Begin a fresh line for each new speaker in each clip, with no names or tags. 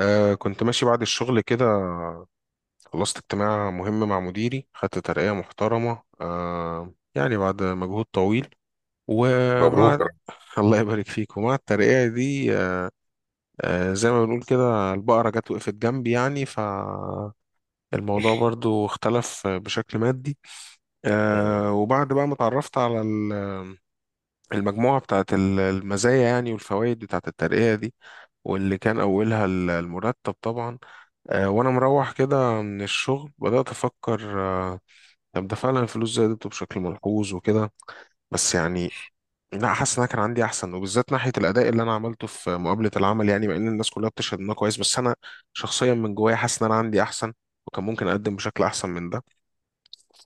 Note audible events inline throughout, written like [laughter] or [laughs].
كنت ماشي بعد الشغل كده. خلصت اجتماع مهم مع مديري، خدت ترقية محترمة يعني بعد مجهود طويل.
مبروك
ومع
يا رب.
[laughs] الله يبارك فيك. ومع الترقية دي زي ما بنقول كده البقرة جت وقفت جنبي يعني، فالموضوع برضو اختلف بشكل مادي.
مم.
وبعد بقى ما اتعرفت على المجموعة بتاعت المزايا يعني والفوائد بتاعت الترقية دي، واللي كان أولها المرتب طبعا. وانا مروح كده من الشغل بدأت افكر، طب ده فعلا الفلوس زادت بشكل ملحوظ وكده، بس يعني لا، حاسس ان انا كان عندي احسن، وبالذات ناحية الاداء اللي انا عملته في مقابلة العمل، يعني مع ان الناس كلها بتشهد ان انا كويس، بس انا شخصيا من جوايا حاسس ان انا عندي احسن وكان ممكن اقدم بشكل احسن من ده.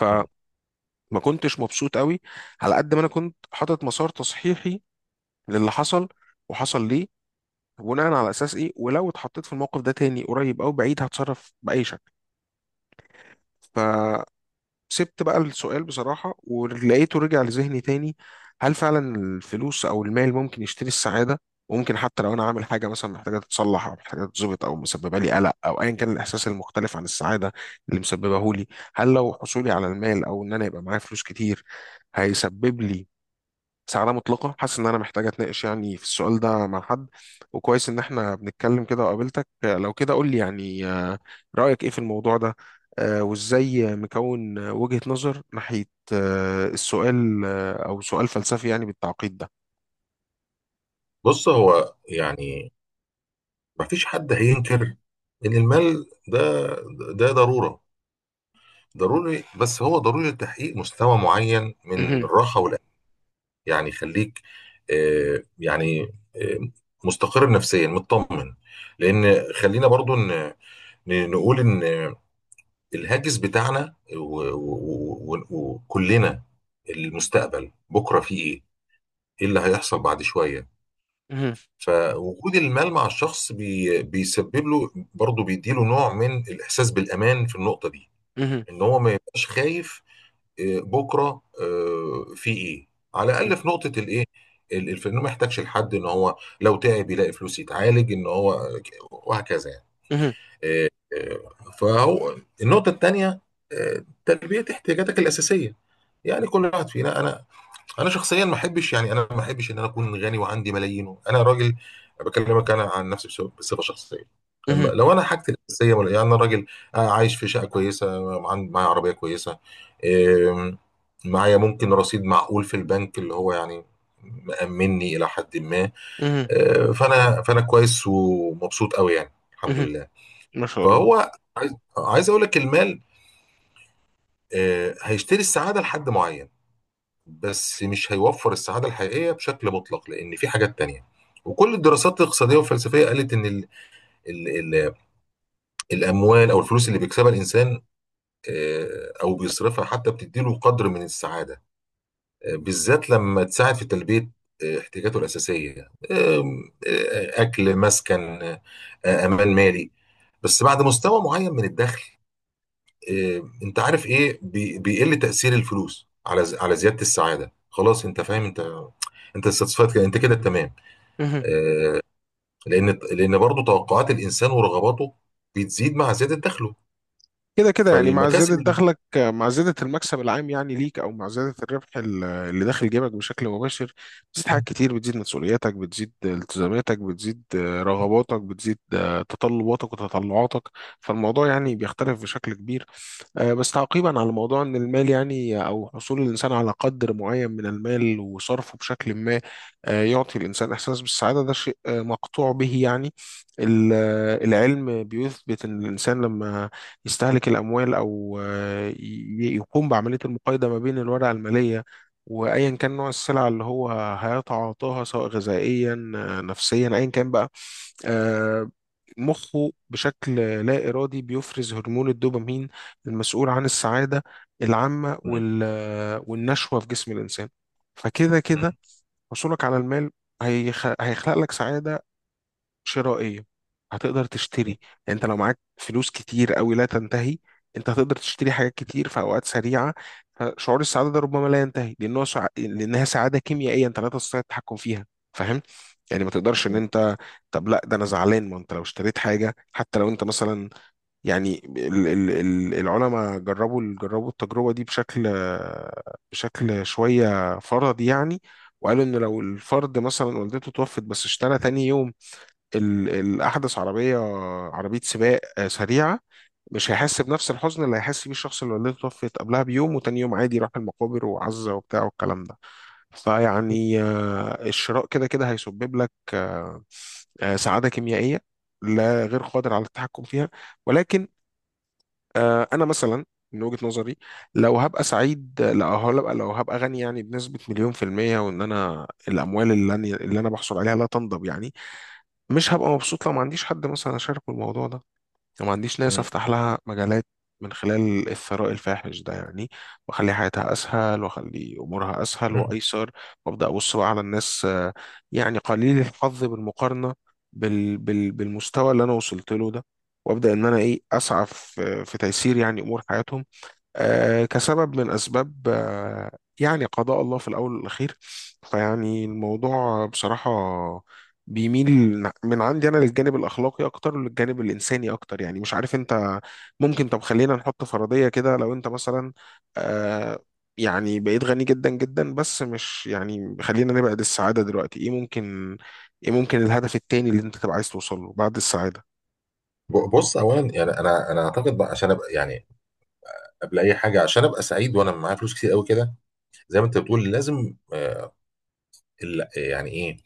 فما كنتش مبسوط قوي، على قد ما انا كنت حاطط مسار تصحيحي للي حصل وحصل ليه، بناء على اساس ايه، ولو اتحطيت في الموقف ده تاني قريب او بعيد هتصرف باي شكل. سبت بقى السؤال بصراحة ولقيته رجع لذهني تاني، هل فعلا الفلوس أو المال ممكن يشتري السعادة؟ وممكن حتى لو أنا عامل حاجة مثلا محتاجة تتصلح أو محتاجة تتظبط أو مسببة لي قلق أو أيا كان الإحساس المختلف عن السعادة اللي مسببه لي، هل لو حصولي على المال أو إن أنا يبقى معايا فلوس كتير هيسبب لي سعادة مطلقة؟ حاسس إن أنا محتاج أتناقش يعني في السؤال ده مع حد، وكويس إن إحنا بنتكلم كده وقابلتك. لو كده قول لي يعني، رأيك إيه في الموضوع ده؟ وإزاي مكون وجهة نظر ناحية السؤال، أو سؤال فلسفي يعني بالتعقيد ده؟
بص، هو يعني مفيش حد هينكر ان المال ده ضروري، بس هو ضروري لتحقيق مستوى معين من
مهم،
الراحه والامان. يعني خليك، يعني، آه، مستقر نفسيا مطمن. لان خلينا برضو نقول ان الهاجس بتاعنا وكلنا المستقبل، بكره فيه ايه؟ ايه اللي هيحصل بعد شويه؟
مهم،
فوجود المال مع الشخص بيسبب له برضه، بيديله نوع من الإحساس بالأمان في النقطة دي.
مهم،
إن هو ما يبقاش خايف، بكرة في إيه، على الأقل في نقطة الإيه، إنه ما يحتاجش لحد، إن هو لو تعب يلاقي فلوس يتعالج، إن هو وهكذا يعني.
مهم،
آه، فهو النقطة التانية، تلبية احتياجاتك الأساسية. يعني كل واحد فينا، انا شخصيا ما احبش، يعني انا ما احبش ان انا اكون غني وعندي ملايين. انا راجل بكلمك انا عن نفسي بصفه شخصيه.
مهم،
لما
مهم،
لو انا حاجتي الاساسيه، يعني انا راجل، عايش في شقه كويسه، معايا عربيه كويسه، إم، معايا ممكن رصيد معقول في البنك، اللي هو يعني مأمني الى حد ما.
مهم،
فانا كويس ومبسوط قوي، يعني الحمد
مهم.
لله.
ما شاء الله.
فهو عايز عايز اقول لك، المال هيشتري السعاده لحد معين، بس مش هيوفر السعادة الحقيقية بشكل مطلق، لأن في حاجات تانية. وكل الدراسات الاقتصادية والفلسفية قالت إن ال ال ال الأموال أو الفلوس اللي بيكسبها الإنسان، أو بيصرفها، حتى بتديله قدر من السعادة، بالذات لما تساعد في تلبية احتياجاته الأساسية، أكل، مسكن، أمان مالي. بس بعد مستوى معين من الدخل، إيه، انت عارف ايه، بيقل تأثير الفلوس على زيادة السعادة. خلاص، انت فاهم. انت satisfied كده، انت كده تمام. آه، لان برضه توقعات الانسان ورغباته بتزيد مع زيادة دخله.
كده كده يعني مع زيادة
فالمكاسب.
دخلك، مع زيادة المكسب العام يعني ليك، أو مع زيادة الربح اللي داخل جيبك بشكل مباشر، بتزيد حاجات
مم.
كتير، بتزيد مسؤولياتك، بتزيد التزاماتك، بتزيد رغباتك، بتزيد تطلباتك وتطلعاتك. فالموضوع يعني بيختلف بشكل كبير. بس تعقيبا على موضوع ان المال يعني او حصول الانسان على قدر معين من المال وصرفه بشكل ما، يعطي الانسان احساس بالسعاده، ده شيء مقطوع به يعني. العلم بيثبت ان الانسان لما يستهلك الاموال او يقوم بعمليه المقايضه ما بين الورقه الماليه وايا كان نوع السلعه اللي هو هيتعاطاها، سواء غذائيا نفسيا ايا كان بقى، آه، مخه بشكل لا إرادي بيفرز هرمون الدوبامين المسؤول عن السعادة العامة
مم.
والنشوة في جسم الإنسان. فكده كده
مم.
حصولك على المال هيخلق لك سعادة شرائية، هتقدر تشتري. يعني انت لو معاك فلوس كتير قوي لا تنتهي، انت هتقدر تشتري حاجات كتير في اوقات سريعه. فشعور السعاده ده ربما لا ينتهي، لانها سعاده كيميائيه انت لا تستطيع التحكم فيها. فاهم؟ يعني ما تقدرش ان انت، طب لا ده انا زعلان، ما انت لو اشتريت حاجه حتى لو انت مثلا، يعني العلماء جربوا التجربة دي بشكل شوية فرضي يعني. وقالوا إن لو الفرد مثلا والدته توفت، بس اشترى تاني يوم الأحدث عربية، عربية سباق سريعة، مش هيحس بنفس الحزن اللي هيحس بيه الشخص اللي والدته توفت قبلها بيوم وتاني يوم عادي راح المقابر وعزة وبتاع والكلام ده. فيعني الشراء كده كده هيسبب لك سعادة كيميائية لا، غير قادر على التحكم فيها. ولكن انا مثلا من وجهة نظري، لو هبقى سعيد، لو هبقى غني يعني، بنسبة مليون في المية، وان انا الاموال اللي انا بحصل عليها لا تنضب يعني، مش هبقى مبسوط لو ما عنديش حد مثلا اشاركه الموضوع ده وما عنديش ناس
مم.
افتح لها مجالات من خلال الثراء الفاحش ده يعني، واخلي حياتها اسهل واخلي امورها اسهل
مم.
وايسر، وابدا ابص بقى على الناس يعني قليل الحظ بالمقارنه بالمستوى اللي انا وصلت له ده، وابدا ان انا ايه اسعى في تيسير يعني امور حياتهم. كسبب من أسباب يعني قضاء الله في الأول والأخير. فيعني الموضوع بصراحة بيميل من عندي أنا للجانب الأخلاقي أكتر وللجانب الإنساني أكتر. يعني مش عارف أنت، ممكن طب خلينا نحط فرضية كده، لو أنت مثلا آه، يعني بقيت غني جدا جدا بس مش يعني، خلينا نبعد السعادة دلوقتي، إيه ممكن الهدف التاني اللي أنت تبقى عايز توصل له بعد السعادة؟
بص، اولا يعني انا اعتقد بقى، عشان ابقى، يعني قبل اي حاجه عشان ابقى سعيد وانا معايا فلوس كتير قوي كده، زي ما انت بتقول، لازم يعني ايه،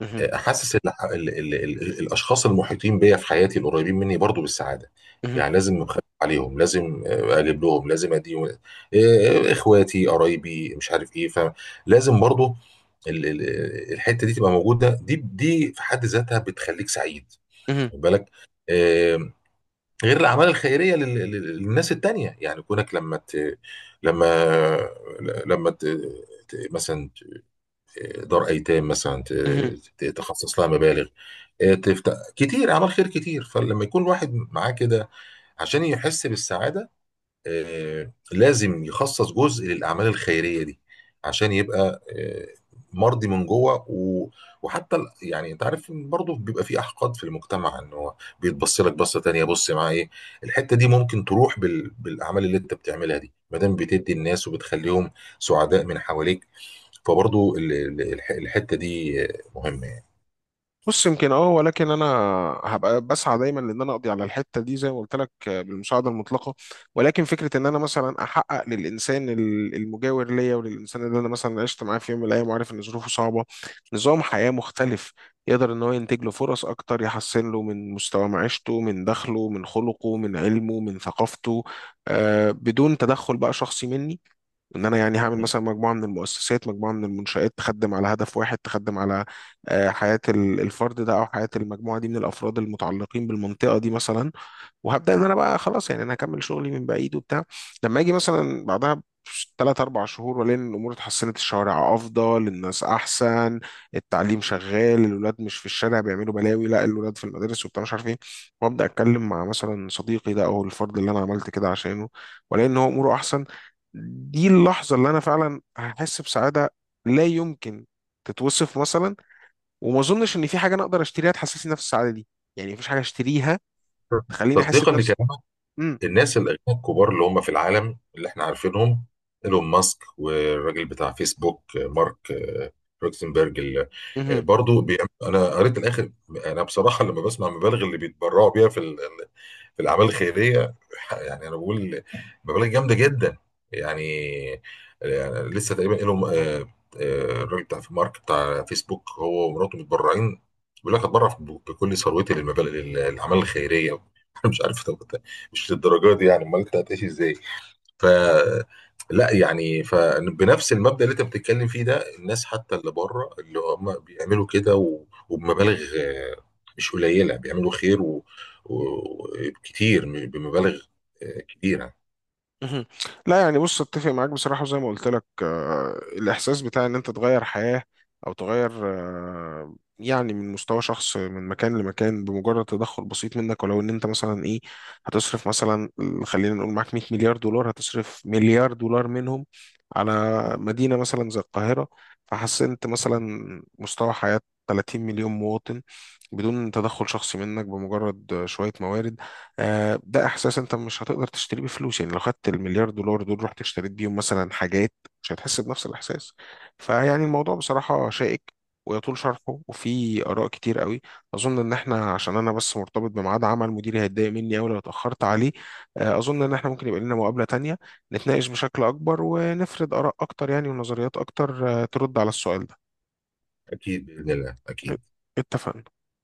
مهم.
حاسس ان ال ال ال الاشخاص المحيطين بيا في حياتي القريبين مني برضو بالسعاده.
مهم.
يعني لازم اخاف عليهم، لازم اجيب لهم، لازم اديهم، اخواتي قرايبي مش عارف ايه. فلازم برضو الحته دي تبقى موجوده، دي في حد ذاتها بتخليك سعيد، خد بالك. آه، غير الاعمال الخيريه للناس التانيه، يعني كونك لما ت... لما لما ت... ت- مثلا دار ايتام، مثلا
مهم.
تخصص لها مبالغ، تفتح كتير اعمال خير كتير. فلما يكون واحد معاه كده، عشان يحس بالسعاده، لازم يخصص جزء للأعمال الخيرية دي، عشان يبقى مرضي من جوه، وحتى يعني، انت عارف إن برضه بيبقى في احقاد في المجتمع، ان هو بيتبص لك بصه تانية، بص معاه ايه. الحته دي ممكن تروح بالاعمال اللي انت بتعملها دي، ما دام بتدي الناس وبتخليهم سعداء من حواليك. فبرضه الحته دي مهمه يعني.
بص يمكن اه، ولكن انا هبقى بسعى دايما لان انا اقضي على الحته دي زي ما قلت لك بالمساعده المطلقه، ولكن فكره ان انا مثلا احقق للانسان المجاور ليا، وللانسان اللي انا مثلا عشت معاه في يوم من الايام وعارف ان ظروفه صعبه، نظام حياه مختلف، يقدر ان هو ينتج له فرص اكتر يحسن له من مستوى معيشته من دخله من خلقه من علمه من ثقافته، آه بدون تدخل بقى شخصي مني، ان انا يعني هعمل مثلا مجموعه من المؤسسات، مجموعه من المنشآت تخدم على هدف واحد، تخدم على حياه الفرد ده او حياه المجموعه دي من الافراد المتعلقين بالمنطقه دي مثلا. وهبدا ان انا بقى خلاص يعني، انا هكمل شغلي من بعيد وبتاع، لما اجي مثلا بعدها ثلاث اربع شهور والاقي ان الامور اتحسنت، الشوارع افضل، الناس احسن، التعليم شغال، الولاد مش في الشارع بيعملوا بلاوي، لا الولاد في المدارس وبتاع مش عارف ايه، وابدا اتكلم مع مثلا صديقي ده او الفرد اللي انا عملت كده عشانه والاقي ان هو اموره احسن، دي اللحظه اللي انا فعلا هحس بسعاده لا يمكن تتوصف مثلا، وما اظنش ان في حاجه انا اقدر اشتريها تحسسني نفس السعاده دي، يعني مفيش حاجه اشتريها تخليني احس
تصديقا
بنفس.
لكلامك،
مم.
الناس الاغنياء الكبار اللي هم في العالم اللي احنا عارفينهم، ايلون ماسك، والراجل بتاع فيسبوك مارك روكسنبرج،
مهم.
برضو انا قريت الاخر. انا بصراحه لما بسمع مبالغ اللي بيتبرعوا بيها في الاعمال الخيريه، يعني انا بقول مبالغ جامده جدا، يعني يعني لسه تقريبا لهم، الراجل بتاع مارك بتاع فيسبوك، هو ومراته متبرعين، بيقول لك هتبرع بكل ثروتي للاعمال الخيريه. [laughs] انا مش عارف. طب مش للدرجه دي يعني، امال انت هتعيش ازاي؟ ف لا، يعني فبنفس المبدأ اللي انت بتتكلم فيه ده، الناس حتى اللي بره اللي هم بيعملوا كده، وبمبالغ مش قليلة، بيعملوا خير وكتير بمبالغ كبيرة.
مهم. لا يعني بص، اتفق معاك بصراحة، وزي ما قلت لك الإحساس بتاع إن أنت تغير حياة أو تغير يعني من مستوى شخص من مكان لمكان بمجرد تدخل بسيط منك، ولو إن أنت مثلا إيه هتصرف مثلا، خلينا نقول معاك 100 مليار دولار، هتصرف مليار دولار منهم على مدينة مثلا زي القاهرة، فحسنت مثلا مستوى حياة 30 مليون مواطن بدون تدخل شخصي منك بمجرد شوية موارد، ده إحساس أنت مش هتقدر تشتريه بفلوس. يعني لو خدت المليار دولار دول رحت اشتريت بيهم مثلا حاجات، مش هتحس بنفس الإحساس. فيعني الموضوع بصراحة شائك، ويطول شرحه وفي آراء كتير قوي. أظن إن إحنا، عشان أنا بس مرتبط بميعاد عمل، مديري هيتضايق مني أوي لو اتأخرت عليه، أظن إن إحنا ممكن يبقى لنا مقابلة تانية، نتناقش بشكل أكبر ونفرد آراء أكتر يعني، ونظريات أكتر ترد على السؤال ده.
أكيد بإذن الله، أكيد.
اتفقنا.